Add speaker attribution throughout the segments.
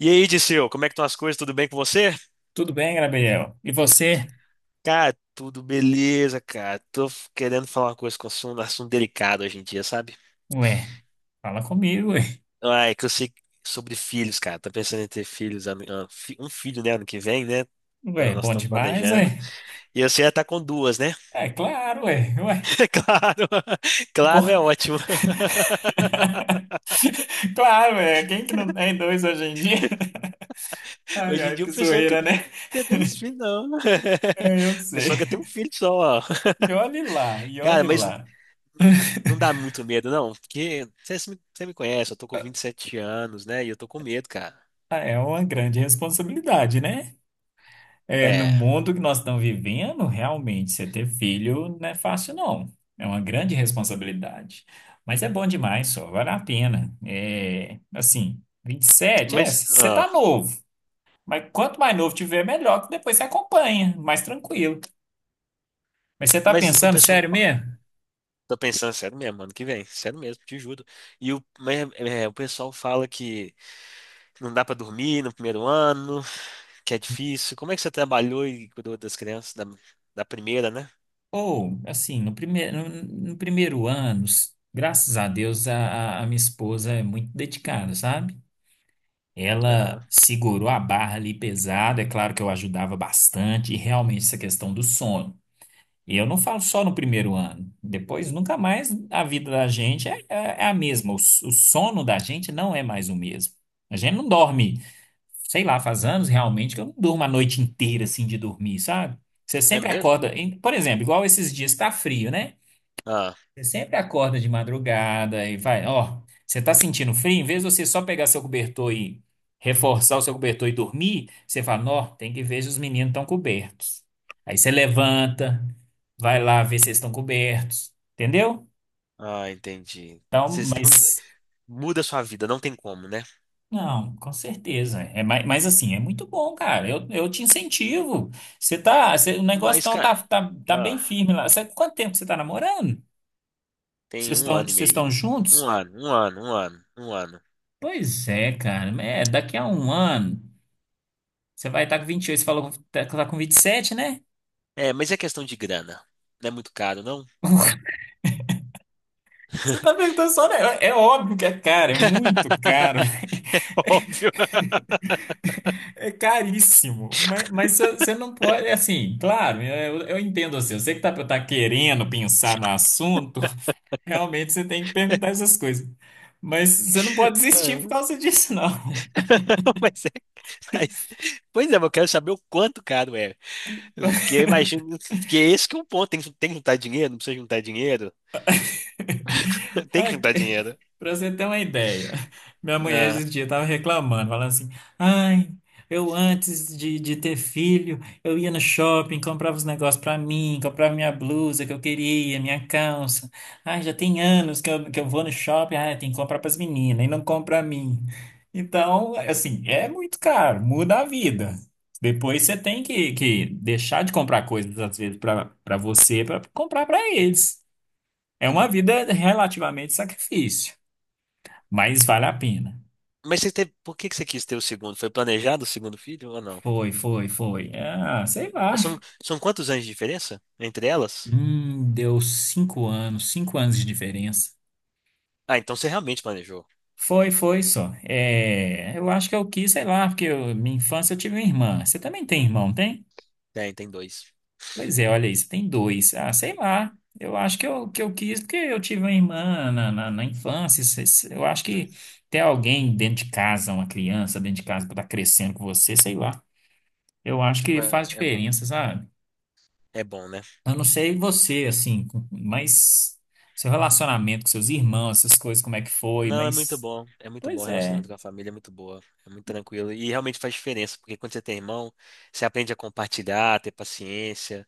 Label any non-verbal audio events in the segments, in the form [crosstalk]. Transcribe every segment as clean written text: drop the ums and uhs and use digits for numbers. Speaker 1: E aí, Disseu, como é que estão as coisas? Tudo bem com você?
Speaker 2: Tudo bem, Gabriel? E você?
Speaker 1: Cara, tudo beleza, cara. Tô querendo falar uma coisa um assunto delicado hoje em dia, sabe?
Speaker 2: Ué, fala comigo, ué.
Speaker 1: Ah, é que eu sei sobre filhos, cara. Tô pensando em ter filhos, um filho, né, ano que vem, né? Então,
Speaker 2: Ué,
Speaker 1: nós
Speaker 2: bom
Speaker 1: estamos
Speaker 2: demais, ué.
Speaker 1: planejando. E você já tá com duas, né?
Speaker 2: É claro, ué. Ué,
Speaker 1: [laughs] Claro,
Speaker 2: bom,
Speaker 1: claro, é ótimo.
Speaker 2: [laughs] claro, ué. Quem que não tem dois hoje em dia? [laughs] Ai,
Speaker 1: Hoje em
Speaker 2: ai,
Speaker 1: dia o
Speaker 2: que
Speaker 1: pessoal não quer
Speaker 2: zoeira, né?
Speaker 1: ter dois filhos, não.
Speaker 2: É, eu
Speaker 1: [laughs] O
Speaker 2: sei.
Speaker 1: pessoal quer ter um filho só,
Speaker 2: E olhe lá, e
Speaker 1: cara,
Speaker 2: olhe
Speaker 1: mas.
Speaker 2: lá.
Speaker 1: Não dá muito medo, não, porque você me conhece, eu tô com 27 anos, né? E eu tô com medo, cara.
Speaker 2: Ah, é uma grande responsabilidade, né? É, no
Speaker 1: É,
Speaker 2: mundo que nós estamos vivendo, realmente, você ter filho não é fácil, não. É uma grande responsabilidade. Mas é bom demais, só. Vale a pena. É, assim, 27 é,
Speaker 1: mas,
Speaker 2: você
Speaker 1: ah,
Speaker 2: tá novo. Mas quanto mais novo tiver, melhor, que depois você acompanha, mais tranquilo. Mas você tá
Speaker 1: mas o
Speaker 2: pensando
Speaker 1: pessoal.
Speaker 2: sério mesmo?
Speaker 1: Tô pensando, sério mesmo, ano que vem, sério mesmo, te juro. Mas, o pessoal fala que não dá pra dormir no primeiro ano, que é difícil. Como é que você trabalhou e cuidou das crianças da primeira, né?
Speaker 2: Ou, assim, no primeiro, no, no primeiro ano, graças a Deus, a minha esposa é muito dedicada, sabe?
Speaker 1: Aham.
Speaker 2: Ela segurou a barra ali pesada, é claro que eu ajudava bastante, e realmente essa questão do sono. E eu não falo só no primeiro ano, depois nunca mais a vida da gente é, é a mesma, o, o sono da gente não é mais o mesmo. A gente não dorme, sei lá, faz anos realmente que eu não durmo a noite inteira assim de dormir, sabe? Você
Speaker 1: É
Speaker 2: sempre
Speaker 1: mesmo?
Speaker 2: acorda, por exemplo, igual esses dias tá frio, né?
Speaker 1: Ah,
Speaker 2: Você sempre acorda de madrugada e vai, ó, você tá sentindo frio? Em vez de você só pegar seu cobertor e reforçar o seu cobertor e dormir, você fala, ó, tem que ver se os meninos estão cobertos. Aí você levanta, vai lá ver se eles estão cobertos, entendeu?
Speaker 1: ah, entendi.
Speaker 2: Então,
Speaker 1: Vocês estão.
Speaker 2: mas,
Speaker 1: Muda a sua vida, não tem como, né?
Speaker 2: não, com certeza. É, mas, assim, é muito bom, cara. Eu te incentivo. Você tá, o negócio
Speaker 1: Mas,
Speaker 2: então tá,
Speaker 1: cara.
Speaker 2: tá bem
Speaker 1: ah,
Speaker 2: firme lá. Sabe quanto tempo que você tá namorando?
Speaker 1: Tem um ano e
Speaker 2: Vocês
Speaker 1: meio.
Speaker 2: estão juntos?
Speaker 1: Um ano, um ano, um ano, um ano.
Speaker 2: Pois é, cara. É, daqui a um ano, você vai estar com 28. Você falou que tá com vinte e sete, né?
Speaker 1: É, mas é questão de grana. Não é muito caro, não?
Speaker 2: Você tá
Speaker 1: [laughs]
Speaker 2: perguntando só, né? É óbvio que é caro, é muito caro,
Speaker 1: É óbvio.
Speaker 2: [laughs] é caríssimo. Mas, mas você não pode, é assim, claro, eu entendo assim, você. Eu sei que tá, tá querendo pensar no assunto, [laughs] realmente você tem que perguntar essas coisas. Mas você não pode desistir por
Speaker 1: Ah.
Speaker 2: causa disso, não.
Speaker 1: [laughs] Mas é. Mas, pois é, mas eu quero saber o quanto caro é. Porque eu imagino. Porque é esse que é o ponto. Tem que juntar dinheiro, não precisa juntar dinheiro. [laughs] Tem que juntar dinheiro.
Speaker 2: Para [laughs] você ter uma ideia, minha mulher esse
Speaker 1: Ah.
Speaker 2: dia estava reclamando, falando assim: ai, eu antes de ter filho, eu ia no shopping, comprava os negócios para mim, comprava minha blusa que eu queria, minha calça. Ai, já tem anos que eu vou no shopping, ai, tem que comprar para as meninas e não compra para mim. Então, assim, é muito caro, muda a vida. Depois você tem que deixar de comprar coisas, às vezes, para você, para comprar para eles. É uma
Speaker 1: Hum.
Speaker 2: vida relativamente sacrifício, mas vale a pena.
Speaker 1: Mas você teve, por que que você quis ter o segundo? Foi planejado o segundo filho ou não?
Speaker 2: Foi. Ah, sei lá.
Speaker 1: É, são quantos anos de diferença entre elas?
Speaker 2: Deu cinco anos de diferença.
Speaker 1: Ah, então você realmente planejou.
Speaker 2: Foi, foi só. É, eu acho que eu quis, sei lá, minha infância eu tive uma irmã. Você também tem irmão, não tem?
Speaker 1: Tem dois.
Speaker 2: Pois é, olha aí, você tem dois. Ah, sei lá. Eu acho que eu quis porque eu tive uma irmã na infância. Eu acho que ter alguém dentro de casa, uma criança dentro de casa para estar crescendo com você, sei lá. Eu acho
Speaker 1: Tipo,
Speaker 2: que faz
Speaker 1: é bom.
Speaker 2: diferença, sabe?
Speaker 1: É bom, né?
Speaker 2: Eu não sei você, assim, mas seu relacionamento com seus irmãos, essas coisas, como é que foi,
Speaker 1: Não, é muito
Speaker 2: mas.
Speaker 1: bom. É muito bom o
Speaker 2: Pois é,
Speaker 1: relacionamento com a família, é muito boa. É muito tranquilo. E realmente faz diferença, porque quando você tem irmão, você aprende a compartilhar, a ter paciência.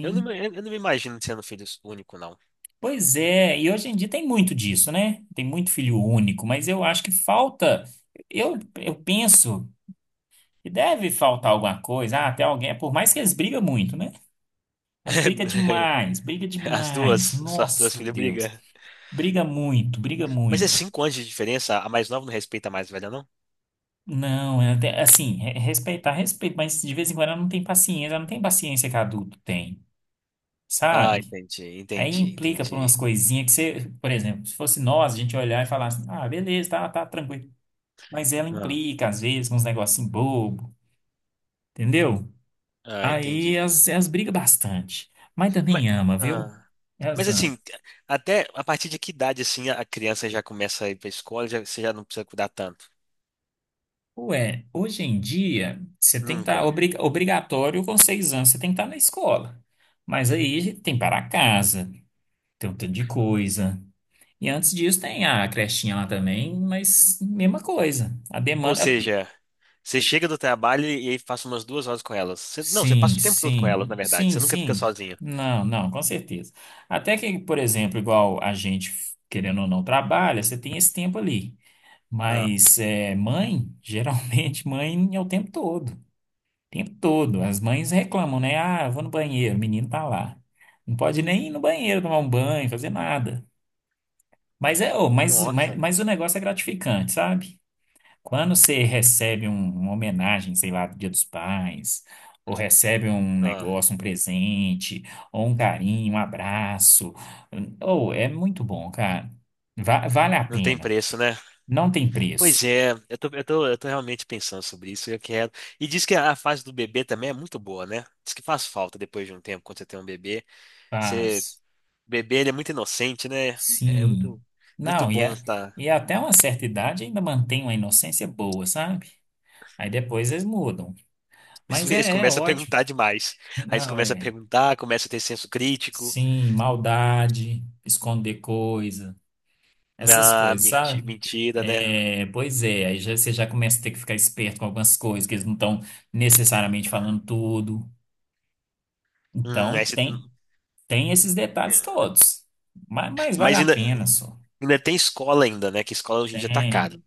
Speaker 1: Eu não, me- eu não me imagino sendo filho único, não.
Speaker 2: Pois é, e hoje em dia tem muito disso, né? Tem muito filho único, mas eu acho que falta. Eu penso que deve faltar alguma coisa, ah, até alguém, é por mais que eles brigam muito, né? Mas briga
Speaker 1: [laughs]
Speaker 2: demais, briga
Speaker 1: As
Speaker 2: demais.
Speaker 1: duas, só as duas
Speaker 2: Nossa,
Speaker 1: filhas brigam.
Speaker 2: Deus. Briga muito, briga
Speaker 1: Mas é
Speaker 2: muito.
Speaker 1: 5 anos de diferença, a mais nova não respeita a mais velha, não?
Speaker 2: Não, é até assim, respeitar, respeito, mas de vez em quando ela não tem paciência, ela não tem paciência que adulto tem,
Speaker 1: Ah,
Speaker 2: sabe?
Speaker 1: entendi,
Speaker 2: Aí
Speaker 1: entendi,
Speaker 2: implica por umas
Speaker 1: entendi.
Speaker 2: coisinhas que você, por exemplo, se fosse nós, a gente olhar e falar assim, ah, beleza, tá, tá tranquilo. Mas ela
Speaker 1: Ah,
Speaker 2: implica, às vezes, com uns negocinhos bobo, entendeu?
Speaker 1: ah,
Speaker 2: Aí
Speaker 1: entendi.
Speaker 2: elas brigam bastante. Mas
Speaker 1: Mas,
Speaker 2: também ama, viu?
Speaker 1: ah, Mas
Speaker 2: Elas amam.
Speaker 1: assim, até a partir de que idade assim a criança já começa a ir para a escola, já, você já não precisa cuidar tanto?
Speaker 2: Ué, hoje em dia, você tem que estar
Speaker 1: Nunca.
Speaker 2: obrigatório com seis anos, você tem que estar na escola. Mas aí tem para casa. Tem um tanto de coisa. E antes disso tem a crechinha lá também, mas mesma coisa. A
Speaker 1: Ou
Speaker 2: demanda.
Speaker 1: seja, você chega do trabalho e aí passa umas 2 horas com elas. Não, você passa o tempo todo com elas, na verdade. Você nunca fica
Speaker 2: Sim.
Speaker 1: sozinha.
Speaker 2: Não, não, com certeza. Até que, por exemplo, igual a gente, querendo ou não, trabalha, você tem esse tempo ali.
Speaker 1: Ah,
Speaker 2: Mas é, mãe, geralmente [laughs] mãe é o tempo todo. O tempo todo. As mães reclamam, né? Ah, eu vou no banheiro, o menino tá lá. Não pode nem ir no banheiro tomar um banho, fazer nada. Mas é, ô,
Speaker 1: nossa.
Speaker 2: mas o negócio é gratificante, sabe? Quando você recebe uma homenagem, sei lá, do Dia dos Pais, ou recebe um
Speaker 1: Ah,
Speaker 2: negócio, um presente, ou um carinho, um abraço, ou é muito bom, cara. Vale a
Speaker 1: não tem
Speaker 2: pena.
Speaker 1: preço, né?
Speaker 2: Não tem
Speaker 1: Pois
Speaker 2: preço.
Speaker 1: é, eu tô realmente pensando sobre isso. Eu quero. E diz que a fase do bebê também é muito boa, né? Diz que faz falta depois de um tempo, quando você tem um bebê. Você,
Speaker 2: Paz.
Speaker 1: o bebê, ele é muito inocente, né? É
Speaker 2: Sim.
Speaker 1: muito, muito
Speaker 2: Não, e,
Speaker 1: bom, tá?
Speaker 2: e até uma certa idade ainda mantém uma inocência boa, sabe? Aí depois eles mudam.
Speaker 1: Eles [laughs]
Speaker 2: Mas
Speaker 1: eles
Speaker 2: é
Speaker 1: começam a
Speaker 2: ótimo.
Speaker 1: perguntar demais. Aí eles
Speaker 2: Não,
Speaker 1: começam a
Speaker 2: é.
Speaker 1: perguntar, começam a ter senso crítico.
Speaker 2: Sim, maldade, esconder coisas, essas
Speaker 1: Ah,
Speaker 2: coisas, sabe?
Speaker 1: mentira, né?
Speaker 2: É, pois é, você já começa a ter que ficar esperto com algumas coisas, que eles não estão necessariamente falando tudo.
Speaker 1: Hum, aí
Speaker 2: Então,
Speaker 1: você-
Speaker 2: tem esses
Speaker 1: hum,
Speaker 2: detalhes todos. Mas vale
Speaker 1: Mas
Speaker 2: a
Speaker 1: ainda,
Speaker 2: pena só.
Speaker 1: ainda tem escola ainda, né? Que escola hoje em dia tá
Speaker 2: Tem,
Speaker 1: caro.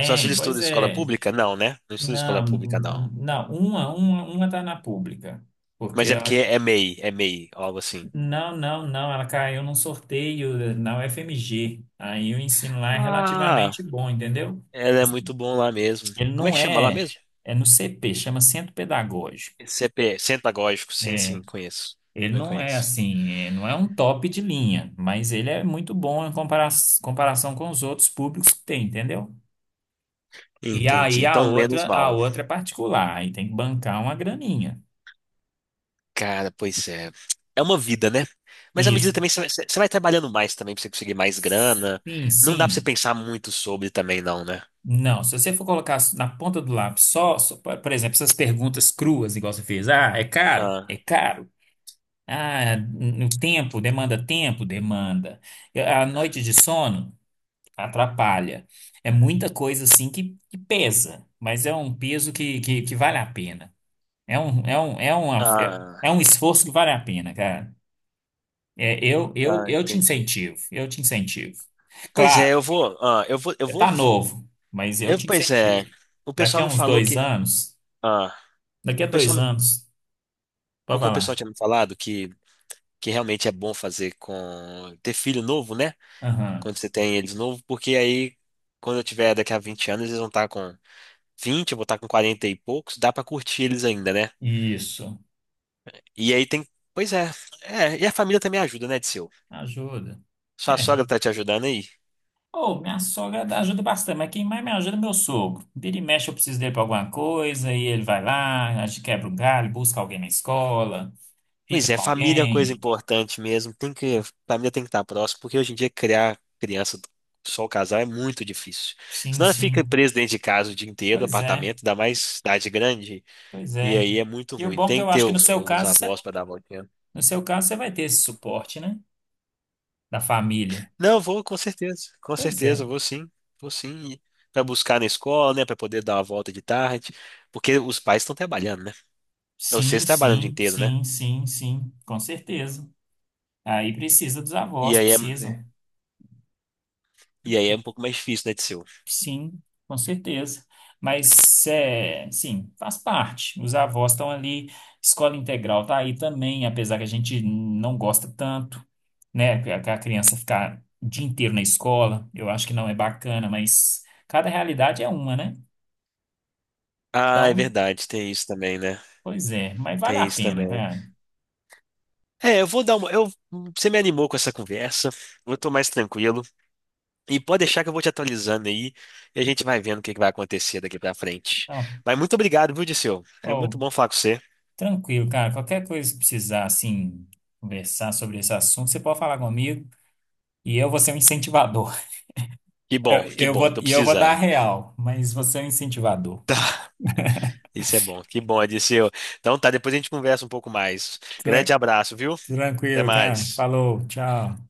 Speaker 1: Só se ele estuda
Speaker 2: pois
Speaker 1: em escola
Speaker 2: é.
Speaker 1: pública? Não, né? Não estuda em escola
Speaker 2: Não,
Speaker 1: pública, não.
Speaker 2: não, uma tá na pública. Porque
Speaker 1: Mas é porque
Speaker 2: ela.
Speaker 1: é MEI, algo assim.
Speaker 2: Não, não, não, ela caiu num sorteio na UFMG. Aí o ensino lá é
Speaker 1: Ah,
Speaker 2: relativamente bom, entendeu?
Speaker 1: ela é
Speaker 2: Assim,
Speaker 1: muito bom lá mesmo.
Speaker 2: ele
Speaker 1: Como é
Speaker 2: não
Speaker 1: que chama lá
Speaker 2: é,
Speaker 1: mesmo?
Speaker 2: é no CP, chama Centro Pedagógico.
Speaker 1: CP, Centro Pedagógico, sim,
Speaker 2: É,
Speaker 1: sim, conheço.
Speaker 2: ele
Speaker 1: Eu
Speaker 2: não é
Speaker 1: conheço.
Speaker 2: assim, é, não é um top de linha, mas ele é muito bom em comparação com os outros públicos que tem, entendeu? E
Speaker 1: Entendi.
Speaker 2: aí
Speaker 1: Então, menos
Speaker 2: a
Speaker 1: mal.
Speaker 2: outra é particular, aí tem que bancar uma graninha.
Speaker 1: Cara, pois é. É uma vida, né? Mas à medida
Speaker 2: Isso.
Speaker 1: também você vai trabalhando mais também pra você conseguir mais grana.
Speaker 2: Sim,
Speaker 1: Não dá pra você
Speaker 2: sim.
Speaker 1: pensar muito sobre também, não, né?
Speaker 2: Não, se você for colocar na ponta do lápis só, só, por exemplo, essas perguntas cruas, igual você fez, ah, é caro? É
Speaker 1: Ah,
Speaker 2: caro. Ah, no tempo, demanda tempo, demanda. A noite de sono atrapalha. É muita coisa assim que pesa, mas é um peso que, que vale a pena. É um, é um, é uma, é
Speaker 1: ah,
Speaker 2: é um esforço que vale a pena, cara. É,
Speaker 1: ah,
Speaker 2: eu te
Speaker 1: entendi.
Speaker 2: incentivo, eu te incentivo.
Speaker 1: Pois
Speaker 2: Claro,
Speaker 1: é, eu vou, ah, eu vou, eu
Speaker 2: você
Speaker 1: vou,
Speaker 2: tá novo, mas eu
Speaker 1: eu,
Speaker 2: te
Speaker 1: pois é,
Speaker 2: incentivo.
Speaker 1: o
Speaker 2: Daqui
Speaker 1: pessoal
Speaker 2: a
Speaker 1: me
Speaker 2: uns
Speaker 1: falou
Speaker 2: dois
Speaker 1: que,
Speaker 2: anos,
Speaker 1: ah,
Speaker 2: daqui
Speaker 1: o
Speaker 2: a dois
Speaker 1: pessoal, me-
Speaker 2: anos, pode
Speaker 1: porque o pessoal
Speaker 2: falar.
Speaker 1: tinha me falado que realmente é bom fazer com, ter filho novo, né?
Speaker 2: Aham,
Speaker 1: Quando você tem eles novo, porque aí, quando eu tiver daqui a 20 anos, eles vão estar com 20, eu vou estar com 40 e poucos, dá pra curtir eles ainda, né?
Speaker 2: isso,
Speaker 1: E aí tem. Pois é. É, e a família também ajuda, né, Disseu?
Speaker 2: ajuda.
Speaker 1: Sua
Speaker 2: É,
Speaker 1: sogra tá te ajudando aí?
Speaker 2: oh, ajuda bastante, mas quem mais me ajuda é meu sogro. Vira e mexe, eu preciso dele pra alguma coisa, e ele vai lá, a gente quebra um galho, busca alguém na escola,
Speaker 1: Pois
Speaker 2: fica
Speaker 1: é,
Speaker 2: com
Speaker 1: família é coisa
Speaker 2: alguém.
Speaker 1: importante mesmo. Tem que. Família tem que estar próximo, porque hoje em dia criar criança só o casal é muito difícil.
Speaker 2: Sim,
Speaker 1: Senão ela fica
Speaker 2: sim.
Speaker 1: presa dentro de casa o dia inteiro,
Speaker 2: Pois é,
Speaker 1: apartamento, dá mais cidade grande.
Speaker 2: pois
Speaker 1: E
Speaker 2: é.
Speaker 1: aí é muito
Speaker 2: E o
Speaker 1: ruim.
Speaker 2: bom é que
Speaker 1: Tem
Speaker 2: eu
Speaker 1: que ter
Speaker 2: acho que no
Speaker 1: os,
Speaker 2: seu
Speaker 1: os
Speaker 2: caso, você,
Speaker 1: avós para dar a voltinha.
Speaker 2: no seu caso, você vai ter esse suporte, né? Da família.
Speaker 1: Não, vou com certeza. Com
Speaker 2: Pois
Speaker 1: certeza,
Speaker 2: é.
Speaker 1: vou sim. Vou sim. Para buscar na escola, né? Para poder dar uma volta de tarde. Porque os pais estão trabalhando, né?
Speaker 2: Sim,
Speaker 1: Vocês trabalham o dia
Speaker 2: sim,
Speaker 1: inteiro, né?
Speaker 2: sim, sim, sim, com certeza. Aí precisa dos
Speaker 1: E
Speaker 2: avós,
Speaker 1: aí é, É.
Speaker 2: precisam.
Speaker 1: e aí é um pouco mais difícil, né, Tseu?
Speaker 2: Sim, com certeza. Mas, é, sim, faz parte. Os avós estão ali, escola integral tá aí também, apesar que a gente não gosta tanto, né? Que a criança ficar o dia inteiro na escola, eu acho que não é bacana, mas cada realidade é uma, né?
Speaker 1: Ah, é
Speaker 2: Então,
Speaker 1: verdade, tem isso também, né?
Speaker 2: pois é, mas vale a
Speaker 1: Tem isso
Speaker 2: pena,
Speaker 1: também.
Speaker 2: cara.
Speaker 1: É, eu vou dar uma. Você me animou com essa conversa. Eu tô mais tranquilo. E pode deixar que eu vou te atualizando aí e a gente vai vendo o que que vai acontecer daqui pra frente.
Speaker 2: Então,
Speaker 1: Mas muito obrigado, viu, Dirceu? É
Speaker 2: ó,
Speaker 1: muito bom falar com você.
Speaker 2: tranquilo, cara. Qualquer coisa que precisar, assim, conversar sobre esse assunto, você pode falar comigo e eu vou ser um incentivador. Eu,
Speaker 1: Que
Speaker 2: eu
Speaker 1: bom,
Speaker 2: vou,
Speaker 1: tô
Speaker 2: e eu vou dar a
Speaker 1: precisando.
Speaker 2: real, mas você é um incentivador.
Speaker 1: Isso é bom, que bom, Dirceu. Então tá, depois a gente conversa um pouco mais. Grande
Speaker 2: Tran-
Speaker 1: abraço, viu? Até
Speaker 2: tranquilo, cara.
Speaker 1: mais.
Speaker 2: Falou, tchau.